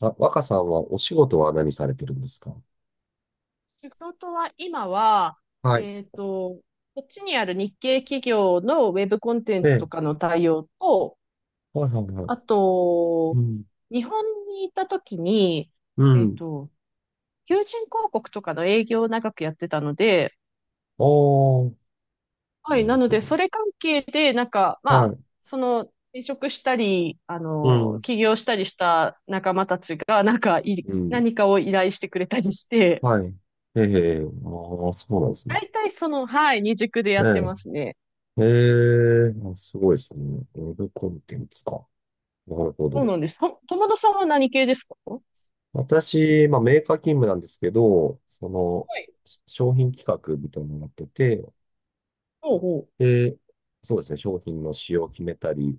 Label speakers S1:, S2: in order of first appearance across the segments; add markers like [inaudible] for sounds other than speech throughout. S1: あ、若さんはお仕事は何されてるんですか？
S2: 仕事は今は、
S1: はい。
S2: えっと、こっちにある日系企業のウェブコンテン
S1: え
S2: ツと
S1: え。
S2: かの対応と、
S1: はいはいは
S2: あ
S1: い。う
S2: と、
S1: ん。
S2: 日本に行った時に、
S1: う
S2: えっ
S1: ん。
S2: と、求人広告とかの営業を長くやってたので、
S1: ああ、
S2: は
S1: な
S2: い、な
S1: る
S2: の
S1: ほ
S2: で、
S1: ど。
S2: それ関係で、なんか、ま
S1: は
S2: あ、
S1: い。
S2: その、転職したり、あ
S1: う
S2: の、
S1: ん。
S2: 起業したりした仲間たちが、なんかい、
S1: うん。
S2: 何かを依頼してくれたりして、
S1: はい。ええ、ああ、そうなんですね。
S2: 大体その、はい、二軸で
S1: え
S2: やってますね。
S1: え。ええ。あ、すごいですね。ウェブコンテンツか。なるほ
S2: そう
S1: ど。
S2: なんです。と、友田さんは何系ですか？ほ
S1: 私、まあ、メーカー勤務なんですけど、その、
S2: はい。
S1: 商品企画みたいなのをやってて、
S2: うほう。
S1: で、そうですね、商品の仕様を決めたり、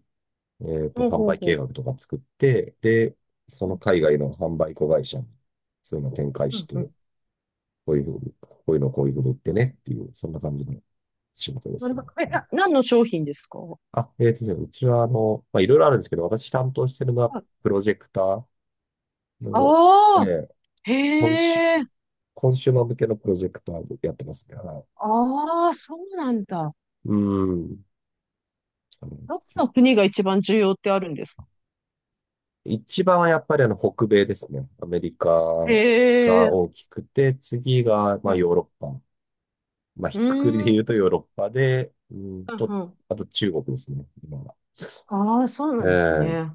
S2: ほう
S1: 販
S2: ほう
S1: 売
S2: ほ
S1: 計
S2: う。
S1: 画とか作って、で、そ
S2: う
S1: の
S2: ん、
S1: 海外の販売子会社に、そういうのを展開
S2: う
S1: し
S2: ん、
S1: て、
S2: う
S1: こ
S2: ん。
S1: ういうふうに、こういうのをこういうふうに売ってねっていう、そんな感じの仕事で
S2: な
S1: す
S2: るほ
S1: ね。
S2: ど。え、
S1: はい。
S2: 何の商品ですか？
S1: あ、えっとですね、うちは、まあ、いろいろあるんですけど、私担当してるのは、
S2: あ
S1: プロジェクターの、え
S2: あ
S1: ー、
S2: ー、へ
S1: コンシュ
S2: え、
S1: コンシューマー向けのプロジェクターをやってますね。はい。
S2: ああ、そうなんだ。
S1: うん。あの
S2: どこ
S1: 結
S2: の国が
S1: 構
S2: 一番重要ってあるんですか？
S1: 一番はやっぱり北米ですね。アメリカ
S2: へ
S1: が
S2: え、
S1: 大きくて、次がま
S2: う
S1: あヨ
S2: ん、
S1: ーロッパ。まあ、
S2: う
S1: ひっくくりで
S2: ー
S1: 言うと
S2: ん、
S1: ヨーロッパで、
S2: うんうん。
S1: あと中国ですね、今は。
S2: ああ、そうなんです
S1: ええ
S2: ね。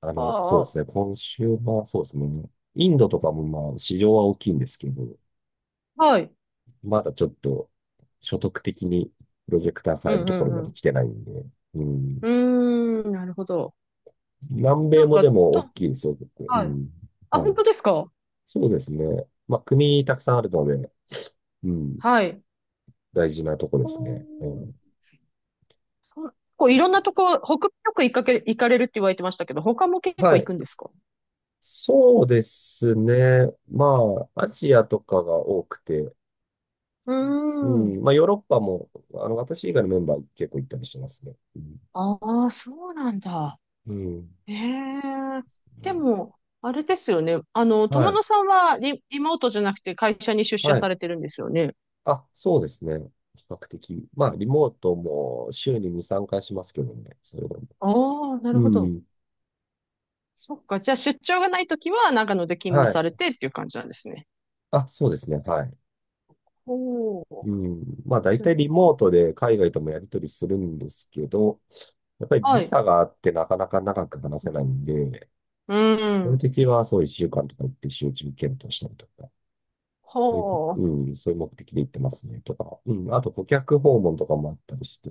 S1: そ
S2: あ
S1: うで
S2: あ、
S1: すね、今週はそうですね、インドとかもまあ、市場は大きいんですけど、
S2: はい。
S1: まだちょっと、所得的にプロジェクター
S2: う
S1: 変える
S2: ん、う
S1: ところま
S2: ん、
S1: で
S2: う
S1: 来てないんで、う
S2: ん。
S1: ん。
S2: うーん、なるほど。
S1: 南米
S2: なん
S1: も
S2: か、
S1: でも大
S2: と、
S1: きいですよ、結構。う
S2: はい。
S1: ん。
S2: あ、
S1: は
S2: 本
S1: い。
S2: 当ですか？
S1: そうですね。まあ、国たくさんあるので、うん。
S2: はい。
S1: 大事なとこで
S2: お
S1: すね。うん。
S2: ーそうこういろんなとこ、北米よく行かけ、行かれるって言われてましたけど、他も結
S1: は
S2: 構行
S1: い。
S2: くんですか？
S1: そうですね。まあ、アジアとかが多くて、
S2: うー
S1: う
S2: ん。
S1: ん。まあ、ヨーロッパも、私以外のメンバー結構行ったりしてますね。うん。
S2: ああ、そうなんだ。
S1: うん
S2: ええ。で
S1: ね。
S2: も、あれですよね。あの、
S1: は
S2: 友
S1: い。
S2: 野さんはリモートじゃなくて会社に出社
S1: はい。
S2: されてるんですよね。
S1: あ、そうですね。比較的。まあ、リモートも週に2、3回しますけどね。それでも。
S2: ああ、なる
S1: う
S2: ほど。
S1: ん。
S2: そっか。じゃあ出張がないときは長野で勤務
S1: はい。
S2: されてっていう感じなんですね。
S1: あ、そうですね。はい。
S2: おお、
S1: うん。まあ、大
S2: そう
S1: 体リモー
S2: か。
S1: トで海外ともやり取りするんですけど、やっぱり
S2: は
S1: 時
S2: い。
S1: 差があってなかなか長く話せないんで、
S2: う
S1: そういう
S2: ん。
S1: 時は、そう、一週間とか行って集中検討したりとか、そういうこ、
S2: ほう。
S1: うん、そういう目的で行ってますね、とか、うん、あと顧客訪問とかもあったりして、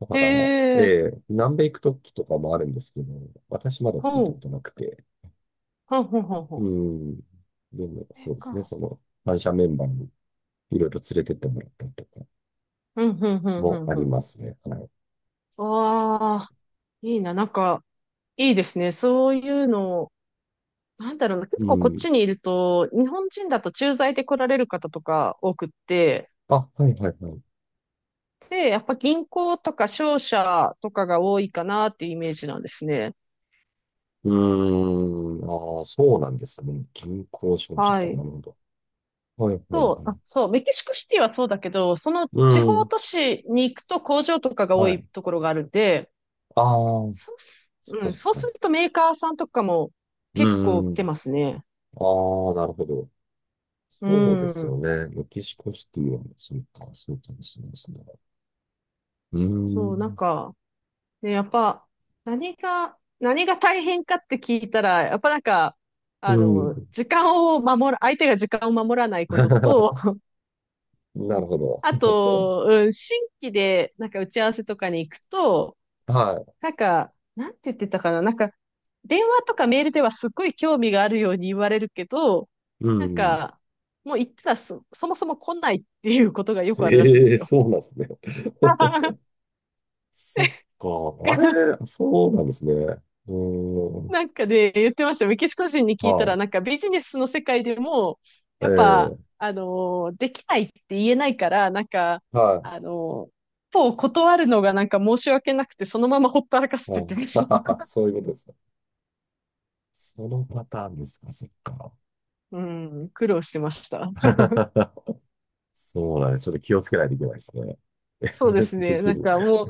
S1: だ
S2: へ
S1: から、え
S2: え。
S1: え、南米行く時とかもあるんですけど、私まだ聞い
S2: ほ
S1: たこ
S2: う。
S1: となくて、
S2: ほうほうほう
S1: う
S2: ほ
S1: ん、でも、
S2: う。え
S1: そうですね、
S2: か。
S1: その、反社メンバーにいろいろ連れてってもらったりとか
S2: うん、うん、うん、う
S1: も
S2: ん、
S1: あ
S2: う
S1: り
S2: ん。
S1: ますね、はい。
S2: ああ、いいな。なんか、いいですね。そういうの、なんだろうな。
S1: う
S2: 結構こっ
S1: ん。
S2: ちにいると、日本人だと駐在で来られる方とか多くって、
S1: あ、はいはいはい。
S2: で、やっぱ銀行とか商社とかが多いかなっていうイメージなんですね。
S1: うーん、ああ、そうなんですね。銀行商社
S2: は
S1: か、な
S2: い。
S1: るほど。はいはいはい。
S2: そう、あ、そう、メキシコシティはそうだけど、その
S1: う
S2: 地方
S1: ん、
S2: 都市に行くと工場とかが多
S1: は
S2: い
S1: い。
S2: ところがあるんで、
S1: ああ、
S2: そうす、
S1: そっ
S2: う
S1: か
S2: ん、
S1: そっ
S2: そうす
S1: か。
S2: るとメーカーさんとかも
S1: う
S2: 結構
S1: んう
S2: 来て
S1: ん。
S2: ますね。
S1: ああ、なるほど。
S2: う
S1: そうです
S2: ん。
S1: よね。メキシコシティは、そうか、そうかもしれないですね。うー
S2: そう、なん
S1: ん。
S2: か、ね、やっぱ、何が大変かって聞いたら、やっぱなんか、あ
S1: う
S2: の、
S1: ん。
S2: 時間を守る、相手が時間を守らないことと、
S1: [laughs]
S2: [laughs]
S1: なるほど。
S2: あと、うん、新規で、なんか打ち合わせとかに行くと、
S1: はい。
S2: なんか、なんて言ってたかな、なんか、電話とかメールではすっごい興味があるように言われるけど、
S1: う
S2: なん
S1: ん。
S2: か、もう言ったらそもそも来ないっていうことがよくあるらしいんで
S1: え
S2: す
S1: え、
S2: よ。
S1: そうなんですね。
S2: [laughs]
S1: [laughs] そっか。あれ、そうなんですね。うーん。
S2: なんかで、言ってました。メキシコ人に聞いたら、
S1: は
S2: なんかビジネスの世界でも、
S1: い。
S2: やっぱ、
S1: ええ、
S2: できないって言えないから、なんか、
S1: は
S2: あのー一方断るのがなんか申し訳なくて、そのままほったらかす
S1: い。
S2: っ
S1: は
S2: て言って
S1: い。
S2: まし
S1: [laughs]
S2: た。
S1: そういうことですか。そのパターンですか。そっか。
S2: [laughs] うん、苦労してました。
S1: [laughs] そうなんです。ちょっと気をつけないといけないですね。
S2: そうです
S1: [laughs] で
S2: ね。
S1: き
S2: なん
S1: る。
S2: かも
S1: [laughs]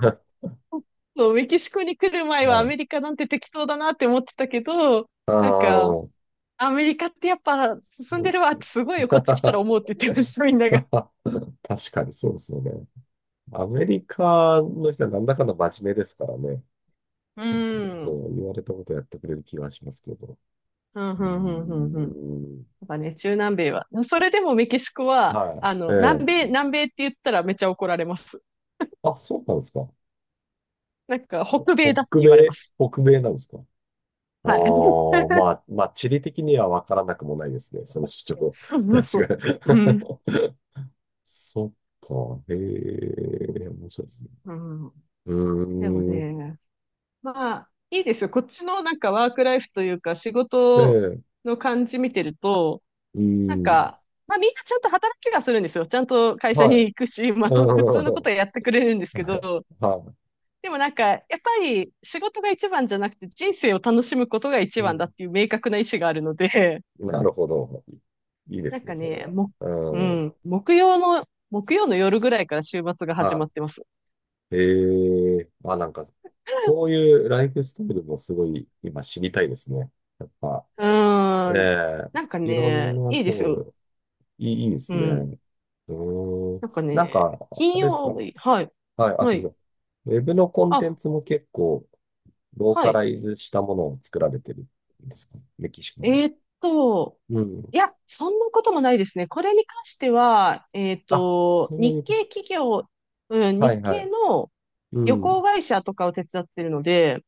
S2: う、そうメキシコに来る前
S1: は
S2: はアメ
S1: い、
S2: リカなんて適当だなって思ってたけど、なんか、
S1: あ
S2: アメリカってやっぱ進んでるわってすごいよ、こっち来たら
S1: ー。
S2: 思うって言ってました、
S1: [laughs]
S2: みんなが。
S1: 確かにそうですよね。アメリカの人はなんだかんだ真面目ですからね。
S2: う
S1: ちゃんとそ
S2: ん。
S1: う言われたことやってくれる気がしますけど。
S2: うん、
S1: う
S2: う
S1: ー
S2: ん、うん、うん。うん
S1: ん。
S2: なんかね、中南米は。それでもメキシコは、
S1: は
S2: あ
S1: い。え
S2: の、
S1: え。
S2: 南米って言ったらめっちゃ怒られます。
S1: あ、そうなんですか。
S2: なんか、北米だって
S1: 北
S2: 言われま
S1: 米、
S2: す。
S1: 北米なんですか。あ
S2: はい。[laughs]
S1: あ、まあ、まあ、地理的には分からなくもないですね。その主張。
S2: そうそうそう。
S1: 確か
S2: う
S1: に。
S2: ん。
S1: [laughs] そっか。へえ、面白いですね。
S2: うん。
S1: う
S2: でも
S1: ーん。
S2: ね、まあ、いいですよ。こっちのなんかワークライフというか、仕
S1: ええ、
S2: 事
S1: う
S2: の感じ見てると、
S1: ー
S2: なん
S1: ん。
S2: か、まあみんなちゃんと働きはするんですよ。ちゃんと会社
S1: は
S2: に
S1: い。
S2: 行くし、
S1: [laughs]
S2: まあと、普通の
S1: う
S2: こと
S1: ん。
S2: はやってくれるんですけど、
S1: はい。
S2: でもなんか、やっぱり仕事が一番じゃなくて人生を楽しむことが一
S1: う
S2: 番だっ
S1: ん。
S2: ていう明確な意思があるので、
S1: なるほど。いい
S2: [laughs]
S1: で
S2: なん
S1: すね、
S2: か
S1: それ
S2: ね、
S1: は。
S2: も、う
S1: うん。
S2: ん、木曜の夜ぐらいから週末が始ま
S1: は
S2: ってます。
S1: い。ええ、あ、なんか、そういうライフスタイルもすごい今知りたいですね。やっぱ、
S2: う
S1: え
S2: ーん。なんか
S1: え、いろん
S2: ね、
S1: な、
S2: いいです
S1: そ
S2: よ。
S1: う、いい、いいで
S2: う
S1: すね。
S2: ん。
S1: うーん。
S2: なんか
S1: なん
S2: ね、
S1: か、
S2: 金
S1: あれですか。
S2: 曜日、はい。
S1: はい、あ、
S2: は
S1: すみま
S2: い。
S1: せん。ウェブのコンテン
S2: あ、
S1: ツも結構ロー
S2: は
S1: カラ
S2: い。
S1: イズしたものを作られてるんですか？メキシコに。
S2: えーっと、
S1: うん。
S2: いや、そんなこともないですね。これに関しては、
S1: あ、そうい
S2: 日
S1: うこと。
S2: 系企業、うん、
S1: は
S2: 日
S1: いは
S2: 系
S1: い。
S2: の
S1: う
S2: 旅
S1: ん。
S2: 行会社とかを手伝ってるので、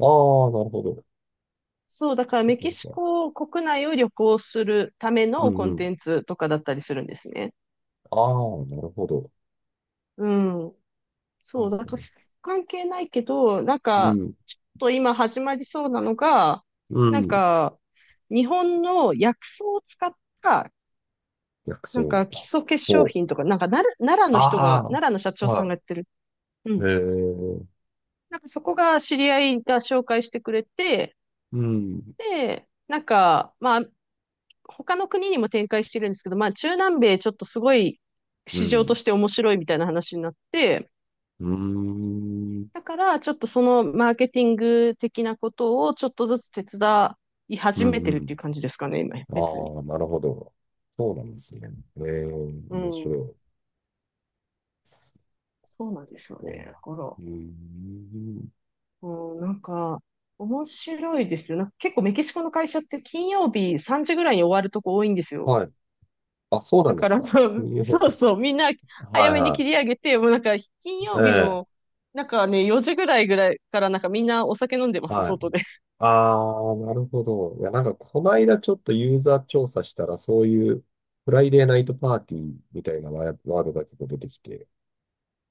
S1: ああ、なるほど。
S2: そう、だから
S1: そっ
S2: メ
S1: か
S2: キシ
S1: そっか。
S2: コ国内を旅行するため
S1: う
S2: の
S1: ん
S2: コ
S1: う
S2: ンテ
S1: ん。
S2: ンツとかだったりするんですね。
S1: ああ、なるほど。
S2: うん。
S1: う
S2: そう、
S1: ん
S2: だから関係ないけど、なん
S1: う
S2: か、
S1: ん。
S2: ちょっと今始まりそうなのが、
S1: う
S2: なん
S1: ん。
S2: か、日本の薬草を使った
S1: 薬
S2: なん
S1: 草。
S2: か基礎化粧
S1: ほう。
S2: 品とか、なんかなる奈良の人が、
S1: あ
S2: 奈良の社
S1: あ、
S2: 長さんが
S1: は
S2: やってる。う
S1: い。へ
S2: ん。
S1: え。
S2: なんかそこが知り合いが紹介してくれて、
S1: うん。
S2: で、なんか、まあ、他の国にも展開してるんですけど、まあ、中南米ちょっとすごい
S1: う
S2: 市場と
S1: ん。
S2: して面白いみたいな話になって、
S1: うーん。
S2: だからちょっとそのマーケティング的なことをちょっとずつ手伝い
S1: う
S2: 始め
S1: んう
S2: てるっていう
S1: ん。
S2: 感じですかね、今、別に。
S1: ああ、なるほど。そうなんですね。ええ、
S2: う
S1: 面白
S2: ん、
S1: い。
S2: そうなんですよ
S1: うん。
S2: ね。だから、
S1: うーん。
S2: うん、なんか、面白いですよ。なんか結構メキシコの会社って金曜日3時ぐらいに終わるとこ多いんですよ。
S1: はい。あ、そうな
S2: だ
S1: んで
S2: か
S1: す
S2: ら、
S1: か。
S2: [laughs]
S1: ユーホ
S2: そう
S1: さん。
S2: そう、みんな
S1: は
S2: 早
S1: い
S2: めに
S1: は
S2: 切り上げて、もうなんか金
S1: い。え
S2: 曜日の、
S1: え。
S2: なんかね、4時ぐらいからなんかみんなお酒飲んでます、
S1: はい。
S2: 外で。[laughs]
S1: ああ、なるほど。いや、なんか、この間ちょっとユーザー調査したら、そういう、フライデーナイトパーティーみたいなワードが結構出てきて、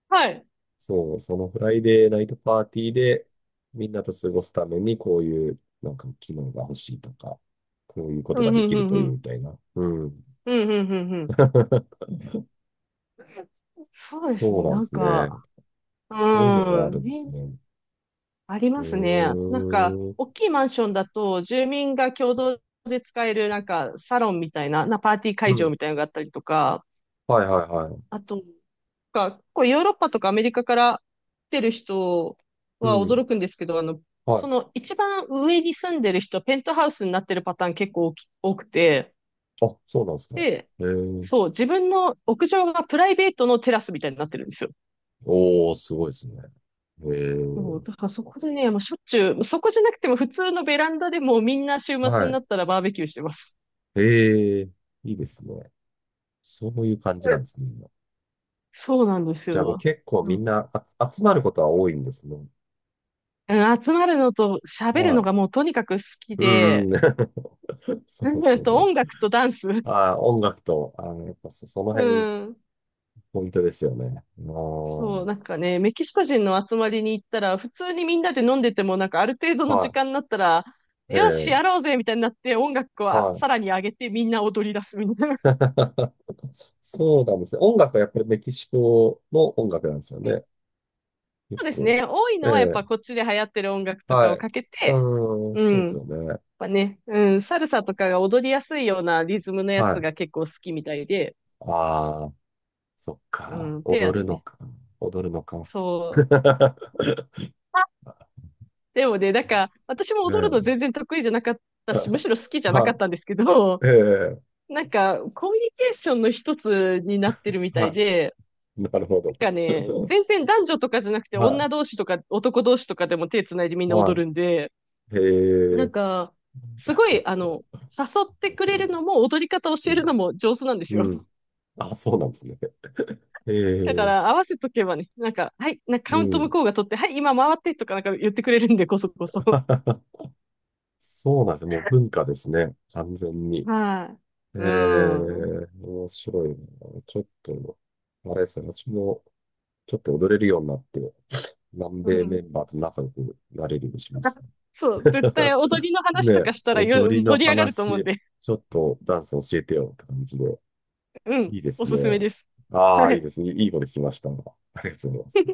S2: はい。
S1: そう、そのフライデーナイトパーティーで、みんなと過ごすために、こういう、なんか、機能が欲しいとか、こういうこ
S2: う
S1: とが
S2: ん、う
S1: で
S2: ん、
S1: き
S2: う
S1: る
S2: ん、
S1: と
S2: う
S1: いい
S2: ん。
S1: みたいな。うん。
S2: うん、うん、うん、うん。
S1: [laughs]
S2: そうです
S1: そう
S2: ね、
S1: なんで
S2: なん
S1: す
S2: か、
S1: ね。そういうのがあ
S2: う
S1: る
S2: ん、
S1: んで
S2: み
S1: す
S2: ん
S1: ね。
S2: あり
S1: う
S2: ますね。
S1: ー
S2: なんか、
S1: ん。
S2: 大きいマンションだと、住民が共同で使える、なんか、サロンみたいな、な、パーティー
S1: う
S2: 会場
S1: ん。
S2: みたいなのがあったりとか、
S1: はいはいはい。
S2: あと、か、結構ヨーロッパとかアメリカから来てる人
S1: う
S2: は
S1: ん。
S2: 驚くんですけど、あの、
S1: は
S2: そ
S1: い。
S2: の一番上に住んでる人、ペントハウスになってるパターン結構多き多くて、
S1: あ、そうなんですか。へ
S2: で、
S1: え。
S2: そう、自分の屋上がプライベートのテラスみたいになってるんですよ。
S1: おー、すごいですね。へ
S2: そう、
S1: え。
S2: だからそこでね、もうしょっちゅう、そこじゃなくても普通のベランダでもみんな週末
S1: は
S2: に
S1: い。
S2: なったらバーベキューしてます。
S1: へえ。いいですね。そういう感じ
S2: う
S1: なん
S2: ん
S1: ですね。
S2: そうなんです
S1: じゃあもう
S2: よ。
S1: 結構
S2: な
S1: み
S2: ん
S1: ん
S2: か、
S1: な、あ、集まることは多いんですね。
S2: うん集まるのと喋るの
S1: は
S2: がもうとにかく好き
S1: い。うん
S2: で、
S1: うん。[laughs] そうで
S2: う
S1: す
S2: ん
S1: よ
S2: と
S1: ね。
S2: 音楽とダンス。
S1: ああ、音楽と、ああ、やっぱその
S2: う
S1: 辺、
S2: ん。
S1: ポイントですよね。あ
S2: そ
S1: ー、
S2: う、なんかね、メキシコ人の集まりに行ったら、普通にみんなで飲んでても、なんかある程度の時
S1: は
S2: 間になったら、
S1: い。え
S2: よし、
S1: え、
S2: やろうぜみたいになって、音楽をあ
S1: はい。
S2: さらに上げてみんな踊り出すみたいな。[laughs]
S1: [laughs] そうなんですね。音楽はやっぱりメキシコの音楽なんですよね。
S2: そうですね。
S1: 結
S2: 多い
S1: 構。
S2: のはやっ
S1: え
S2: ぱ
S1: え、
S2: こっちで流行ってる音楽とか
S1: は
S2: を
S1: い。
S2: かけて、
S1: うん、
S2: う
S1: そうで
S2: ん。や
S1: す
S2: っ
S1: よね。
S2: ぱね、うん、サルサとかが踊りやすいようなリズムのや
S1: は
S2: つ
S1: い。
S2: が結構好きみたいで、
S1: ああ、そっ
S2: う
S1: か。
S2: ん、ペア
S1: 踊
S2: で
S1: るの
S2: ね。
S1: か。踊るのか。
S2: そう。
S1: [laughs]
S2: あでもね、なんか、私も
S1: ね
S2: 踊るの全
S1: え。
S2: 然得意じゃなかったし、む
S1: [laughs]
S2: しろ好きじゃなか
S1: は
S2: ったんですけど、
S1: い。ええ、
S2: [laughs] なんか、コミュニケーションの一つになってるみたい
S1: は
S2: で、
S1: い。なるほ
S2: な
S1: ど。
S2: んか
S1: [laughs]
S2: ね、全然男女とかじゃなくて、
S1: は
S2: 女同士とか男同士とかでも手つないでみん
S1: い。
S2: な
S1: は
S2: 踊
S1: い。
S2: るんで、
S1: へ
S2: なん
S1: え。
S2: か、す
S1: なん
S2: ごい、あ
S1: か、
S2: の、誘ってく
S1: そ
S2: れ
S1: う
S2: る
S1: だ。
S2: のも踊り方教える
S1: う
S2: のも上手なんで
S1: ん。
S2: す
S1: う
S2: よ。
S1: ん。あ、そうなんですね。え
S2: だか
S1: え。
S2: ら合わせとけばね、なんか、はい、なんか
S1: う
S2: カウント向
S1: ん。
S2: こうが取って、はい、今回ってとかなんか言ってくれるんで、こそこそ。
S1: [laughs] そうなんですね。もう文化ですね。完全に。
S2: は
S1: ええ、
S2: い。うん。う
S1: 面白いな。ちょっと、あれですね。私も、ちょっと踊れるようになって、南米
S2: ん。
S1: メンバーと仲良くなれるようにしますね。
S2: そう、絶対踊りの
S1: [laughs]
S2: 話
S1: ね
S2: と
S1: え、
S2: かしたらよ
S1: 踊りの
S2: 盛り上がると思うん
S1: 話、
S2: で、
S1: ちょっとダンス教えてよって感じで。
S2: うん、
S1: いいで
S2: お
S1: すね。
S2: すすめです。
S1: あ
S2: は
S1: あ、いい
S2: い。
S1: ですね。いいこと聞きました。ありがとうございます。